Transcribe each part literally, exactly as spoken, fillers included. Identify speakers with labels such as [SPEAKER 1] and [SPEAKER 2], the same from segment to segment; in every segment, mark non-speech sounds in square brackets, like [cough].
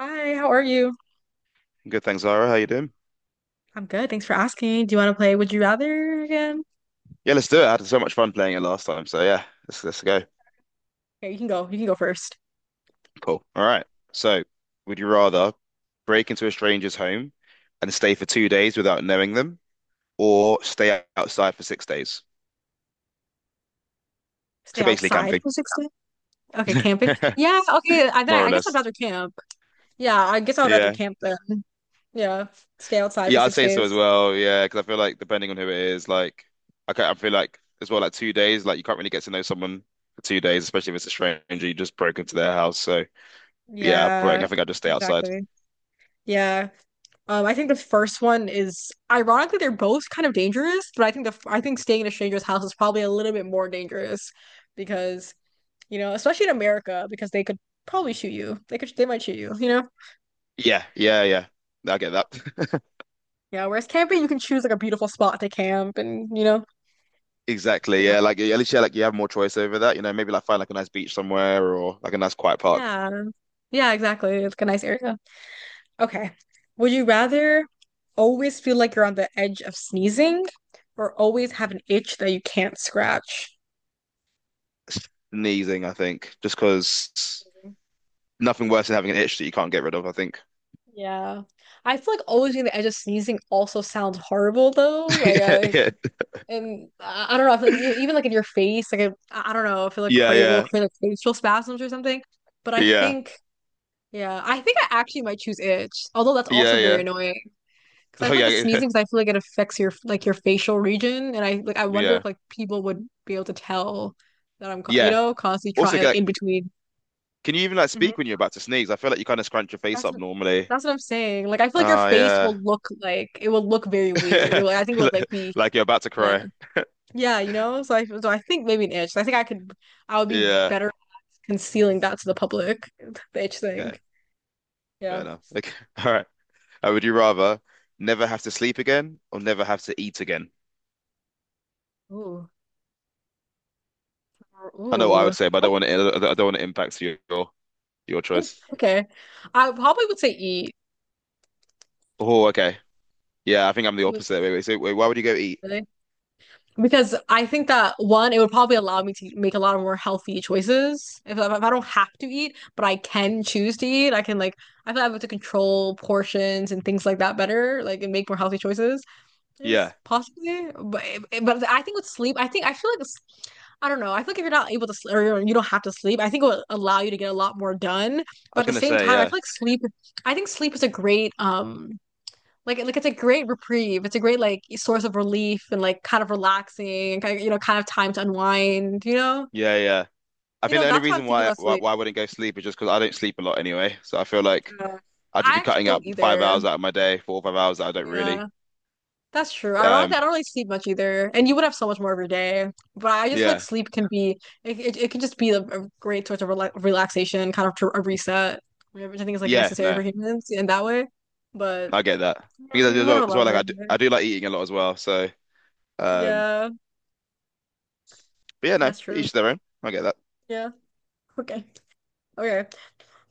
[SPEAKER 1] Hi, how are you?
[SPEAKER 2] Good, thanks, Zara. How you doing?
[SPEAKER 1] I'm good. Thanks for asking. Do you want to play Would You Rather again?
[SPEAKER 2] Yeah, let's do it. I had so much fun playing it last time. So yeah, let's let's go.
[SPEAKER 1] Here, you can go. You can go first.
[SPEAKER 2] Cool. All right. So, would you rather break into a stranger's home and stay for two days without knowing them, or stay outside for six days?
[SPEAKER 1] Stay
[SPEAKER 2] So basically
[SPEAKER 1] outside
[SPEAKER 2] camping,
[SPEAKER 1] for six days. Okay,
[SPEAKER 2] [laughs]
[SPEAKER 1] camping. Yeah, okay. I then
[SPEAKER 2] more
[SPEAKER 1] I,
[SPEAKER 2] or
[SPEAKER 1] I guess I'd
[SPEAKER 2] less.
[SPEAKER 1] rather camp. Yeah, I guess I would rather
[SPEAKER 2] Yeah,
[SPEAKER 1] camp then. Yeah, stay outside for
[SPEAKER 2] yeah, I'd
[SPEAKER 1] six
[SPEAKER 2] say so
[SPEAKER 1] days.
[SPEAKER 2] as well. Yeah, because I feel like depending on who it is, like I ca- I feel like as well, like two days, like you can't really get to know someone for two days, especially if it's a stranger you just broke into their house. So yeah, I think
[SPEAKER 1] Yeah,
[SPEAKER 2] I think I'd just stay outside.
[SPEAKER 1] exactly. Yeah. Um, I think the first one is ironically they're both kind of dangerous, but I think the f- I think staying in a stranger's house is probably a little bit more dangerous because, you know, especially in America, because they could probably shoot you. They could they might shoot you, you know?
[SPEAKER 2] Yeah, yeah, yeah. I get that. [laughs]
[SPEAKER 1] Yeah, whereas camping, you can choose like a beautiful spot to camp and, you know,
[SPEAKER 2] Exactly.
[SPEAKER 1] yeah.
[SPEAKER 2] Yeah, like at least yeah, like you have more choice over that. You know, maybe like find like a nice beach somewhere or like a nice quiet park.
[SPEAKER 1] Yeah. Yeah, exactly. It's like a nice area. Okay. Would you rather always feel like you're on the edge of sneezing or always have an itch that you can't scratch?
[SPEAKER 2] Sneezing, I think, just because nothing worse than having an itch that you can't get rid of. I think.
[SPEAKER 1] Yeah. I feel like always being on the edge of sneezing also sounds horrible though. Like I,
[SPEAKER 2] [laughs]
[SPEAKER 1] and I I don't know, I feel like you, even like in your face, like I, I don't know, I feel like
[SPEAKER 2] Yeah,
[SPEAKER 1] cra will
[SPEAKER 2] yeah,
[SPEAKER 1] create like facial spasms or something. But I
[SPEAKER 2] yeah,
[SPEAKER 1] think yeah, I think I actually might choose itch, although that's also
[SPEAKER 2] yeah, yeah, yeah, [laughs]
[SPEAKER 1] very
[SPEAKER 2] yeah.
[SPEAKER 1] annoying. Because I
[SPEAKER 2] Oh
[SPEAKER 1] feel like
[SPEAKER 2] yeah,
[SPEAKER 1] the
[SPEAKER 2] [laughs] yeah,
[SPEAKER 1] sneezing, because I feel like it affects your like your facial region, and I like I wonder
[SPEAKER 2] yeah.
[SPEAKER 1] if like people would be able to tell that I'm co- you
[SPEAKER 2] Yeah.
[SPEAKER 1] know constantly
[SPEAKER 2] Also,
[SPEAKER 1] trying like
[SPEAKER 2] like,
[SPEAKER 1] in between.
[SPEAKER 2] can you even like
[SPEAKER 1] Mhm.
[SPEAKER 2] speak when you're about to sneeze? I feel like you kind of scrunch your face
[SPEAKER 1] That's
[SPEAKER 2] up
[SPEAKER 1] what,
[SPEAKER 2] normally.
[SPEAKER 1] that's what I'm saying. Like I feel like your
[SPEAKER 2] Oh
[SPEAKER 1] face
[SPEAKER 2] yeah,
[SPEAKER 1] will look like it will look very weird. It will- I think it would
[SPEAKER 2] [laughs]
[SPEAKER 1] like be
[SPEAKER 2] like you're about to
[SPEAKER 1] yeah,
[SPEAKER 2] cry.
[SPEAKER 1] yeah, you know. So I so I think maybe an itch. So I think I could, I would be
[SPEAKER 2] Yeah.
[SPEAKER 1] better at concealing that to the public, [laughs] the itch
[SPEAKER 2] Okay.
[SPEAKER 1] thing.
[SPEAKER 2] Fair
[SPEAKER 1] Yeah.
[SPEAKER 2] enough. Okay. [laughs] All right. Uh, would you rather never have to sleep again or never have to eat again?
[SPEAKER 1] Ooh.
[SPEAKER 2] I know what I
[SPEAKER 1] Ooh.
[SPEAKER 2] would say, but I don't want
[SPEAKER 1] Okay.
[SPEAKER 2] to. I don't want to impact your your choice.
[SPEAKER 1] Okay. I probably would say eat.
[SPEAKER 2] Oh, okay. Yeah, I think I'm the
[SPEAKER 1] You would-
[SPEAKER 2] opposite. Wait, wait. So, wait, why would you go eat?
[SPEAKER 1] really? Because I think that one, it would probably allow me to make a lot of more healthy choices. If, I- if I don't have to eat, but I can choose to eat, I can like, I feel like I'm able to control portions and things like that better, like, and make more healthy choices.
[SPEAKER 2] Yeah,
[SPEAKER 1] Is possibly, but but I think with sleep, I think I feel like it's, I don't know. I feel like if you're not able to sleep or you don't have to sleep, I think it will allow you to get a lot more done.
[SPEAKER 2] I
[SPEAKER 1] But at
[SPEAKER 2] was
[SPEAKER 1] the
[SPEAKER 2] gonna
[SPEAKER 1] same
[SPEAKER 2] say
[SPEAKER 1] time, I
[SPEAKER 2] yeah,
[SPEAKER 1] feel like sleep. I think sleep is a great um like, like it's a great reprieve. It's a great like source of relief and like kind of relaxing and kind of, you know, kind of time to unwind, you know?
[SPEAKER 2] yeah, yeah. I
[SPEAKER 1] You
[SPEAKER 2] think
[SPEAKER 1] know,
[SPEAKER 2] the only
[SPEAKER 1] that's why I'm
[SPEAKER 2] reason
[SPEAKER 1] thinking
[SPEAKER 2] why
[SPEAKER 1] about
[SPEAKER 2] why,
[SPEAKER 1] sleep.
[SPEAKER 2] why I wouldn't go sleep is just because I don't sleep a lot anyway. So I feel like
[SPEAKER 1] Uh,
[SPEAKER 2] I'd just
[SPEAKER 1] I
[SPEAKER 2] be
[SPEAKER 1] actually
[SPEAKER 2] cutting up
[SPEAKER 1] don't
[SPEAKER 2] five
[SPEAKER 1] either.
[SPEAKER 2] hours out of my day, four or five hours that I don't really.
[SPEAKER 1] Yeah, that's true. Ironically,
[SPEAKER 2] Um,
[SPEAKER 1] I don't really sleep much either. And you would have so much more of your day. But I just feel like
[SPEAKER 2] yeah,
[SPEAKER 1] sleep can be it, it, it can just be a, a great source of rela relaxation, kind of to a reset, which I think is like
[SPEAKER 2] yeah.
[SPEAKER 1] necessary
[SPEAKER 2] No,
[SPEAKER 1] for humans in that way. But
[SPEAKER 2] I get that
[SPEAKER 1] yeah,
[SPEAKER 2] because
[SPEAKER 1] you
[SPEAKER 2] as
[SPEAKER 1] would
[SPEAKER 2] well,
[SPEAKER 1] have a
[SPEAKER 2] as
[SPEAKER 1] lot
[SPEAKER 2] well like
[SPEAKER 1] more
[SPEAKER 2] I
[SPEAKER 1] of
[SPEAKER 2] do,
[SPEAKER 1] it.
[SPEAKER 2] I do like eating a lot as well. So, um,
[SPEAKER 1] Yeah,
[SPEAKER 2] but yeah, no,
[SPEAKER 1] that's true.
[SPEAKER 2] each their own. I get that.
[SPEAKER 1] Yeah. Okay. Okay.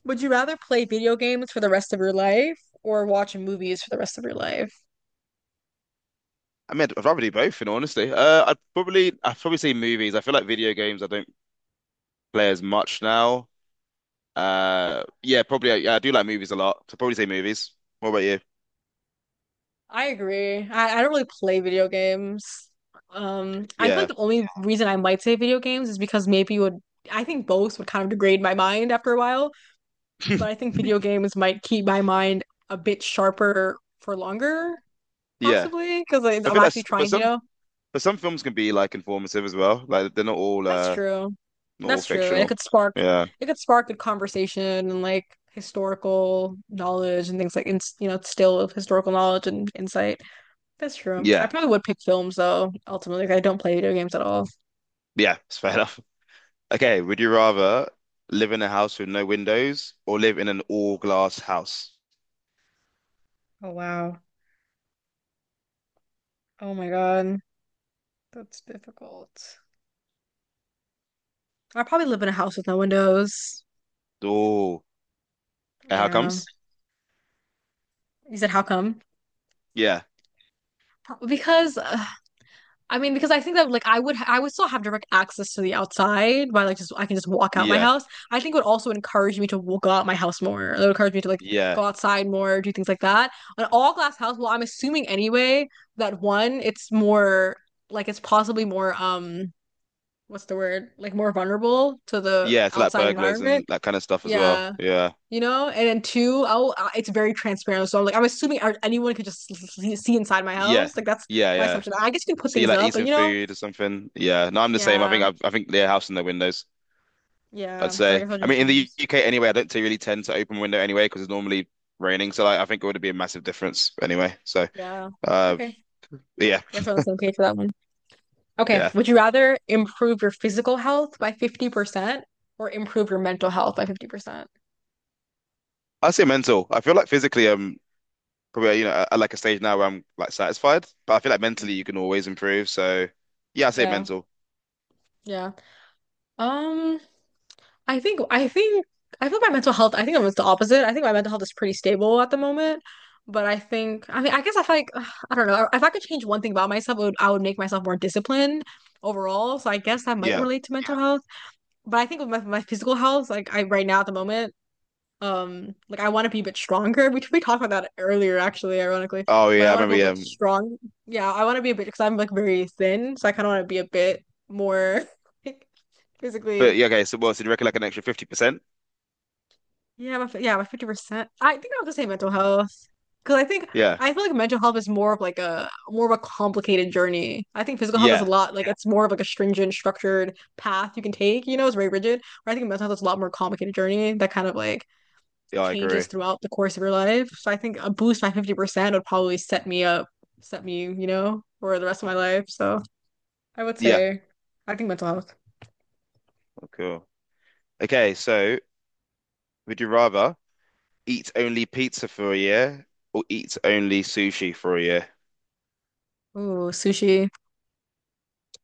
[SPEAKER 1] Would you rather play video games for the rest of your life or watch movies for the rest of your life?
[SPEAKER 2] I mean, I'd rather do both, in all honesty. Uh, I'd probably, I'd probably say movies. I feel like video games I don't play as much now. Uh, yeah, probably. I, Yeah, I do like movies a lot, so probably say movies. What about you?
[SPEAKER 1] I agree. I, I don't really play video games. Um, I feel like
[SPEAKER 2] Yeah,
[SPEAKER 1] the only reason I might say video games is because maybe you would, I think both would kind of degrade my mind after a while, but I
[SPEAKER 2] [laughs]
[SPEAKER 1] think video games might keep my mind a bit sharper for longer,
[SPEAKER 2] yeah.
[SPEAKER 1] possibly, because
[SPEAKER 2] I
[SPEAKER 1] I'm
[SPEAKER 2] feel like,
[SPEAKER 1] actually
[SPEAKER 2] s- but
[SPEAKER 1] trying, you
[SPEAKER 2] some,
[SPEAKER 1] know?
[SPEAKER 2] but some films can be like informative as well. Like they're not all,
[SPEAKER 1] That's
[SPEAKER 2] uh,
[SPEAKER 1] true.
[SPEAKER 2] not all
[SPEAKER 1] That's true. And it
[SPEAKER 2] fictional.
[SPEAKER 1] could spark
[SPEAKER 2] Yeah,
[SPEAKER 1] it could spark good conversation and like historical knowledge and things like ins you know, still of historical knowledge and insight. That's true. I
[SPEAKER 2] yeah,
[SPEAKER 1] probably would pick films though, ultimately. 'Cause I don't play video games at all.
[SPEAKER 2] yeah. It's fair [laughs] enough. Okay, would you rather live in a house with no windows or live in an all glass house?
[SPEAKER 1] Oh, wow. Oh my God. That's difficult. I probably live in a house with no windows.
[SPEAKER 2] Oh, and how
[SPEAKER 1] Yeah.
[SPEAKER 2] comes?
[SPEAKER 1] You said how come?
[SPEAKER 2] Yeah,
[SPEAKER 1] Pro- Because uh, I mean, because I think that like I would I would still have direct access to the outside by like just I can just walk out my
[SPEAKER 2] yeah,
[SPEAKER 1] house. I think it would also encourage me to w- go out my house more. It would encourage me to like
[SPEAKER 2] yeah.
[SPEAKER 1] go outside more, do things like that. An all glass house, well, I'm assuming anyway that one, it's more like it's possibly more um what's the word? Like more vulnerable to the
[SPEAKER 2] Yeah, so like
[SPEAKER 1] outside
[SPEAKER 2] burglars
[SPEAKER 1] environment.
[SPEAKER 2] and that kind of stuff as well.
[SPEAKER 1] Yeah.
[SPEAKER 2] Yeah.
[SPEAKER 1] You know, and then two, oh, uh, it's very transparent. So I'm like, I'm assuming uh, anyone could just see see inside my
[SPEAKER 2] Yeah.
[SPEAKER 1] house. Like that's
[SPEAKER 2] Yeah,
[SPEAKER 1] my
[SPEAKER 2] yeah.
[SPEAKER 1] assumption. I guess you can put
[SPEAKER 2] See
[SPEAKER 1] things
[SPEAKER 2] like
[SPEAKER 1] up, but
[SPEAKER 2] eating
[SPEAKER 1] you know,
[SPEAKER 2] food or something. Yeah. No, I'm the same. I
[SPEAKER 1] yeah,
[SPEAKER 2] think I've, I think they're house in their windows, I'd
[SPEAKER 1] yeah. So I
[SPEAKER 2] say.
[SPEAKER 1] guess I will
[SPEAKER 2] I mean in the
[SPEAKER 1] just,
[SPEAKER 2] U K anyway, I don't t- really tend to open window anyway because it's normally raining. So like, I think it would be a massive difference anyway. So
[SPEAKER 1] yeah.
[SPEAKER 2] uh
[SPEAKER 1] Okay. I
[SPEAKER 2] yeah,
[SPEAKER 1] guess we're on the same page for that one. Okay.
[SPEAKER 2] yeah.
[SPEAKER 1] Would you rather improve your physical health by fifty percent or improve your mental health by fifty percent?
[SPEAKER 2] I say mental. I feel like physically um probably you know at at like a stage now where I'm like satisfied, but I feel like mentally you
[SPEAKER 1] Mm.
[SPEAKER 2] can always improve. So yeah, I say
[SPEAKER 1] Yeah,
[SPEAKER 2] mental.
[SPEAKER 1] yeah. Um, I think, I think, I feel my mental health, I think it was the opposite. I think my mental health is pretty stable at the moment. But I think, I mean, I guess if I, [sighs] feel like ugh, I don't know, if I could change one thing about myself, it would, I would make myself more disciplined overall. So I guess that might
[SPEAKER 2] Yeah.
[SPEAKER 1] relate to mental health. But I think with my, my physical health, like I right now at the moment, um, like I want to be a bit stronger. [laughs] We we talked about that earlier, actually, ironically.
[SPEAKER 2] Oh
[SPEAKER 1] But
[SPEAKER 2] yeah, I
[SPEAKER 1] I want to be
[SPEAKER 2] remember
[SPEAKER 1] a
[SPEAKER 2] yeah.
[SPEAKER 1] bit strong. Yeah, I want to be a bit because I'm like very thin, so I kind of want to be a bit more [laughs] like,
[SPEAKER 2] But
[SPEAKER 1] physically.
[SPEAKER 2] yeah, okay, so well, so do you reckon like an extra fifty percent?
[SPEAKER 1] Yeah, my, fi- yeah, my fifty percent. I think I'll just say mental health because I think
[SPEAKER 2] Yeah.
[SPEAKER 1] I feel like mental health is more of like a more of a complicated journey. I think physical health is a
[SPEAKER 2] Yeah.
[SPEAKER 1] lot like it's more of like a stringent, structured path you can take. You know, it's very rigid. Where I think mental health is a lot more complicated journey that kind of like
[SPEAKER 2] Yeah, I
[SPEAKER 1] changes
[SPEAKER 2] agree.
[SPEAKER 1] throughout the course of your life. So I think a boost by fifty percent would probably set me up, set me, you know, for the rest of my life. So I would
[SPEAKER 2] Yeah.
[SPEAKER 1] say, I think mental health.
[SPEAKER 2] Oh, cool. Okay, so would you rather eat only pizza for a year or eat only sushi for a year?
[SPEAKER 1] Ooh, sushi.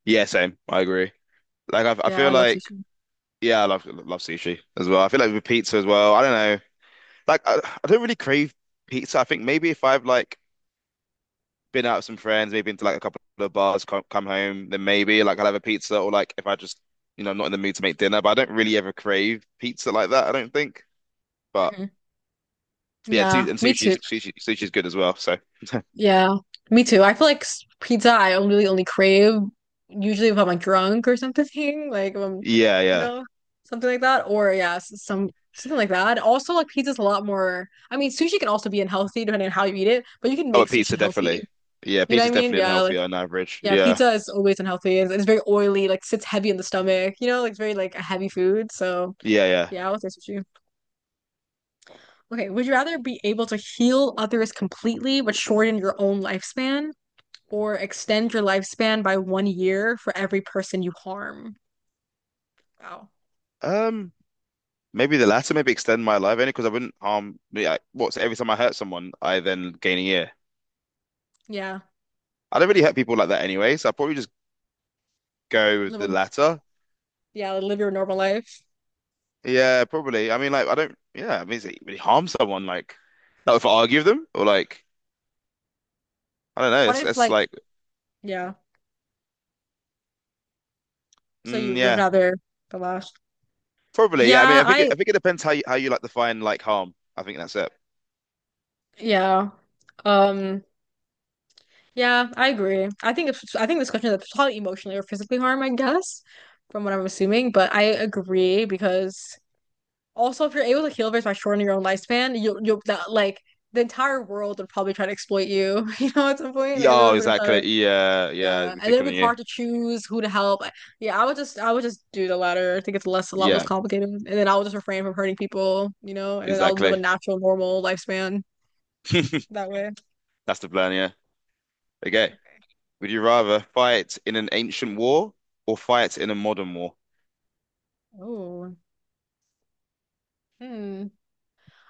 [SPEAKER 2] Yeah, same. I agree. Like I, I
[SPEAKER 1] Yeah, I
[SPEAKER 2] feel
[SPEAKER 1] love
[SPEAKER 2] like
[SPEAKER 1] sushi.
[SPEAKER 2] yeah, I love love sushi as well. I feel like with pizza as well. I don't know. Like I, I don't really crave pizza. I think maybe if I've like been out with some friends, maybe into like a couple of bars, come, come home, then maybe like I'll have a pizza or like if I just you know I'm not in the mood to make dinner. But I don't really ever crave pizza like that. I don't think. But
[SPEAKER 1] Hmm.
[SPEAKER 2] But yeah,
[SPEAKER 1] Yeah,
[SPEAKER 2] su- and
[SPEAKER 1] me too.
[SPEAKER 2] sushi's sushi sushi's good as well. So
[SPEAKER 1] Yeah, me too. I feel like s- pizza I only really only crave usually if I'm like drunk or something, [laughs] like if I'm,
[SPEAKER 2] [laughs] yeah,
[SPEAKER 1] you
[SPEAKER 2] yeah.
[SPEAKER 1] know, something like that. Or yeah, s- some something like that. Also, like pizza's a lot more. I mean, sushi can also be unhealthy depending on how you eat it, but you can
[SPEAKER 2] Oh,
[SPEAKER 1] make
[SPEAKER 2] but
[SPEAKER 1] sushi
[SPEAKER 2] pizza
[SPEAKER 1] healthy.
[SPEAKER 2] definitely. Yeah,
[SPEAKER 1] You know what I
[SPEAKER 2] pizza's
[SPEAKER 1] mean?
[SPEAKER 2] definitely
[SPEAKER 1] Yeah, like
[SPEAKER 2] unhealthy on average.
[SPEAKER 1] yeah,
[SPEAKER 2] Yeah,
[SPEAKER 1] pizza is always unhealthy. It's, it's very oily, like sits heavy in the stomach. You know, like it's very like a heavy food. So
[SPEAKER 2] yeah, yeah.
[SPEAKER 1] yeah, I'll say sushi. Okay, would you rather be able to heal others completely but shorten your own lifespan, or extend your lifespan by one year for every person you harm? Wow.
[SPEAKER 2] Um, Maybe the latter. Maybe extend my life only because I wouldn't harm. Yeah, I- what? So every time I hurt someone, I then gain a year.
[SPEAKER 1] Yeah.
[SPEAKER 2] I don't really hurt people like that anyway, so I'll probably just go with
[SPEAKER 1] Live a,
[SPEAKER 2] the latter.
[SPEAKER 1] yeah, live your normal life.
[SPEAKER 2] Yeah, probably. I mean, like I don't. Yeah, I mean, is it really harm someone? Like, not if I argue with them or like I don't know.
[SPEAKER 1] What
[SPEAKER 2] It's
[SPEAKER 1] if
[SPEAKER 2] it's
[SPEAKER 1] like
[SPEAKER 2] like
[SPEAKER 1] yeah, so you
[SPEAKER 2] mm,
[SPEAKER 1] would
[SPEAKER 2] yeah,
[SPEAKER 1] rather the last?
[SPEAKER 2] probably. Yeah, I mean,
[SPEAKER 1] Yeah,
[SPEAKER 2] I think it,
[SPEAKER 1] I
[SPEAKER 2] I think it depends how you how you like define like harm. I think that's it.
[SPEAKER 1] yeah. Um Yeah, I agree. I think it's I think this question is probably emotionally or physically harm, I guess, from what I'm assuming. But I agree because also if you're able to heal this by shortening your own lifespan, you'll you'll that like the entire world would probably try to exploit you, [laughs] you know, at some point. Like
[SPEAKER 2] Yeah, oh,
[SPEAKER 1] everyone's gonna try to
[SPEAKER 2] exactly. Yeah, yeah.
[SPEAKER 1] yeah. And
[SPEAKER 2] They
[SPEAKER 1] then
[SPEAKER 2] pick
[SPEAKER 1] it'd
[SPEAKER 2] on
[SPEAKER 1] be
[SPEAKER 2] you.
[SPEAKER 1] hard to choose who to help. I- yeah, I would just I would just do the latter. I think it's less a lot less
[SPEAKER 2] Yeah,
[SPEAKER 1] complicated. And then I will just refrain from hurting people, you know, and then I'll live a
[SPEAKER 2] exactly.
[SPEAKER 1] natural, normal lifespan
[SPEAKER 2] [laughs]
[SPEAKER 1] that way.
[SPEAKER 2] That's the plan. Yeah. Okay.
[SPEAKER 1] Okay.
[SPEAKER 2] Would you rather fight in an ancient war or fight in a modern war?
[SPEAKER 1] Oh. Hmm.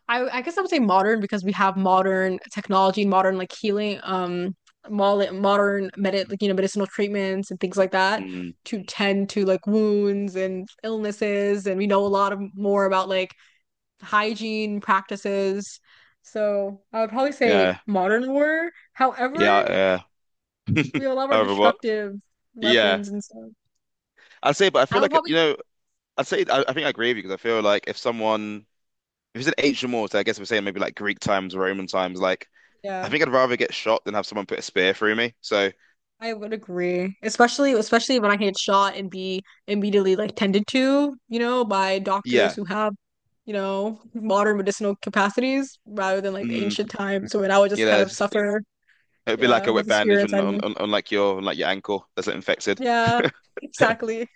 [SPEAKER 1] I I guess I would say modern because we have modern technology, modern like healing, um, mol- modern medi like you know medicinal treatments and things like that
[SPEAKER 2] Mm,
[SPEAKER 1] to tend to like wounds and illnesses, and we know a lot of more about like hygiene practices. So I would probably say
[SPEAKER 2] yeah.
[SPEAKER 1] modern war. However,
[SPEAKER 2] Yeah. Uh, [laughs]
[SPEAKER 1] we have a lot more
[SPEAKER 2] however, what?
[SPEAKER 1] destructive
[SPEAKER 2] Yeah.
[SPEAKER 1] weapons and stuff.
[SPEAKER 2] I'd say, but I
[SPEAKER 1] I
[SPEAKER 2] feel
[SPEAKER 1] would
[SPEAKER 2] like, you
[SPEAKER 1] probably
[SPEAKER 2] know, I'd say, I, I think I agree with you because I feel like if someone, if it's an ancient war, so I guess we're saying maybe like Greek times, Roman times, like, I
[SPEAKER 1] yeah.
[SPEAKER 2] think I'd rather get shot than have someone put a spear through me. So,
[SPEAKER 1] I would agree, especially especially when I get shot and be immediately like tended to, you know, by doctors
[SPEAKER 2] yeah.
[SPEAKER 1] who have, you know, modern medicinal capacities rather than like the
[SPEAKER 2] Mm,
[SPEAKER 1] ancient times. So when I would just
[SPEAKER 2] you
[SPEAKER 1] kind
[SPEAKER 2] know.
[SPEAKER 1] of suffer,
[SPEAKER 2] It'd be like
[SPEAKER 1] yeah,
[SPEAKER 2] a wet
[SPEAKER 1] with a spear
[SPEAKER 2] bandage on
[SPEAKER 1] inside
[SPEAKER 2] on,
[SPEAKER 1] me.
[SPEAKER 2] on, on like your on like your ankle that's infected.
[SPEAKER 1] Yeah,
[SPEAKER 2] [laughs]
[SPEAKER 1] exactly.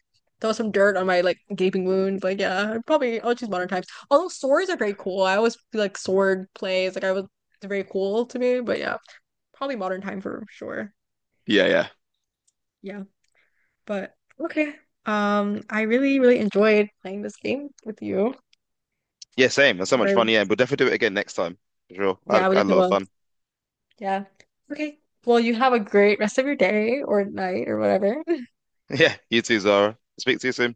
[SPEAKER 1] Throw some dirt on my like gaping wound. Like, yeah, I'd probably I'll choose modern times. Although swords are very cool. I always feel like sword plays, like I was, it's very cool to me, but yeah, probably modern time for sure.
[SPEAKER 2] Yeah, yeah.
[SPEAKER 1] Yeah. But okay. Um, I really, really enjoyed playing this game with you.
[SPEAKER 2] Yeah, same. That's so much
[SPEAKER 1] Or
[SPEAKER 2] fun. Yeah, we'll definitely do it again next time. For sure. I
[SPEAKER 1] yeah,
[SPEAKER 2] had,
[SPEAKER 1] we
[SPEAKER 2] I had a
[SPEAKER 1] definitely
[SPEAKER 2] lot of
[SPEAKER 1] will.
[SPEAKER 2] fun.
[SPEAKER 1] Yeah. Okay. Well, you have a great rest of your day or night or whatever. [laughs]
[SPEAKER 2] [laughs] Yeah, you too, Zara. Speak to you soon.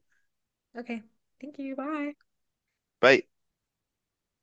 [SPEAKER 1] Okay. Thank you. Bye.
[SPEAKER 2] Bye.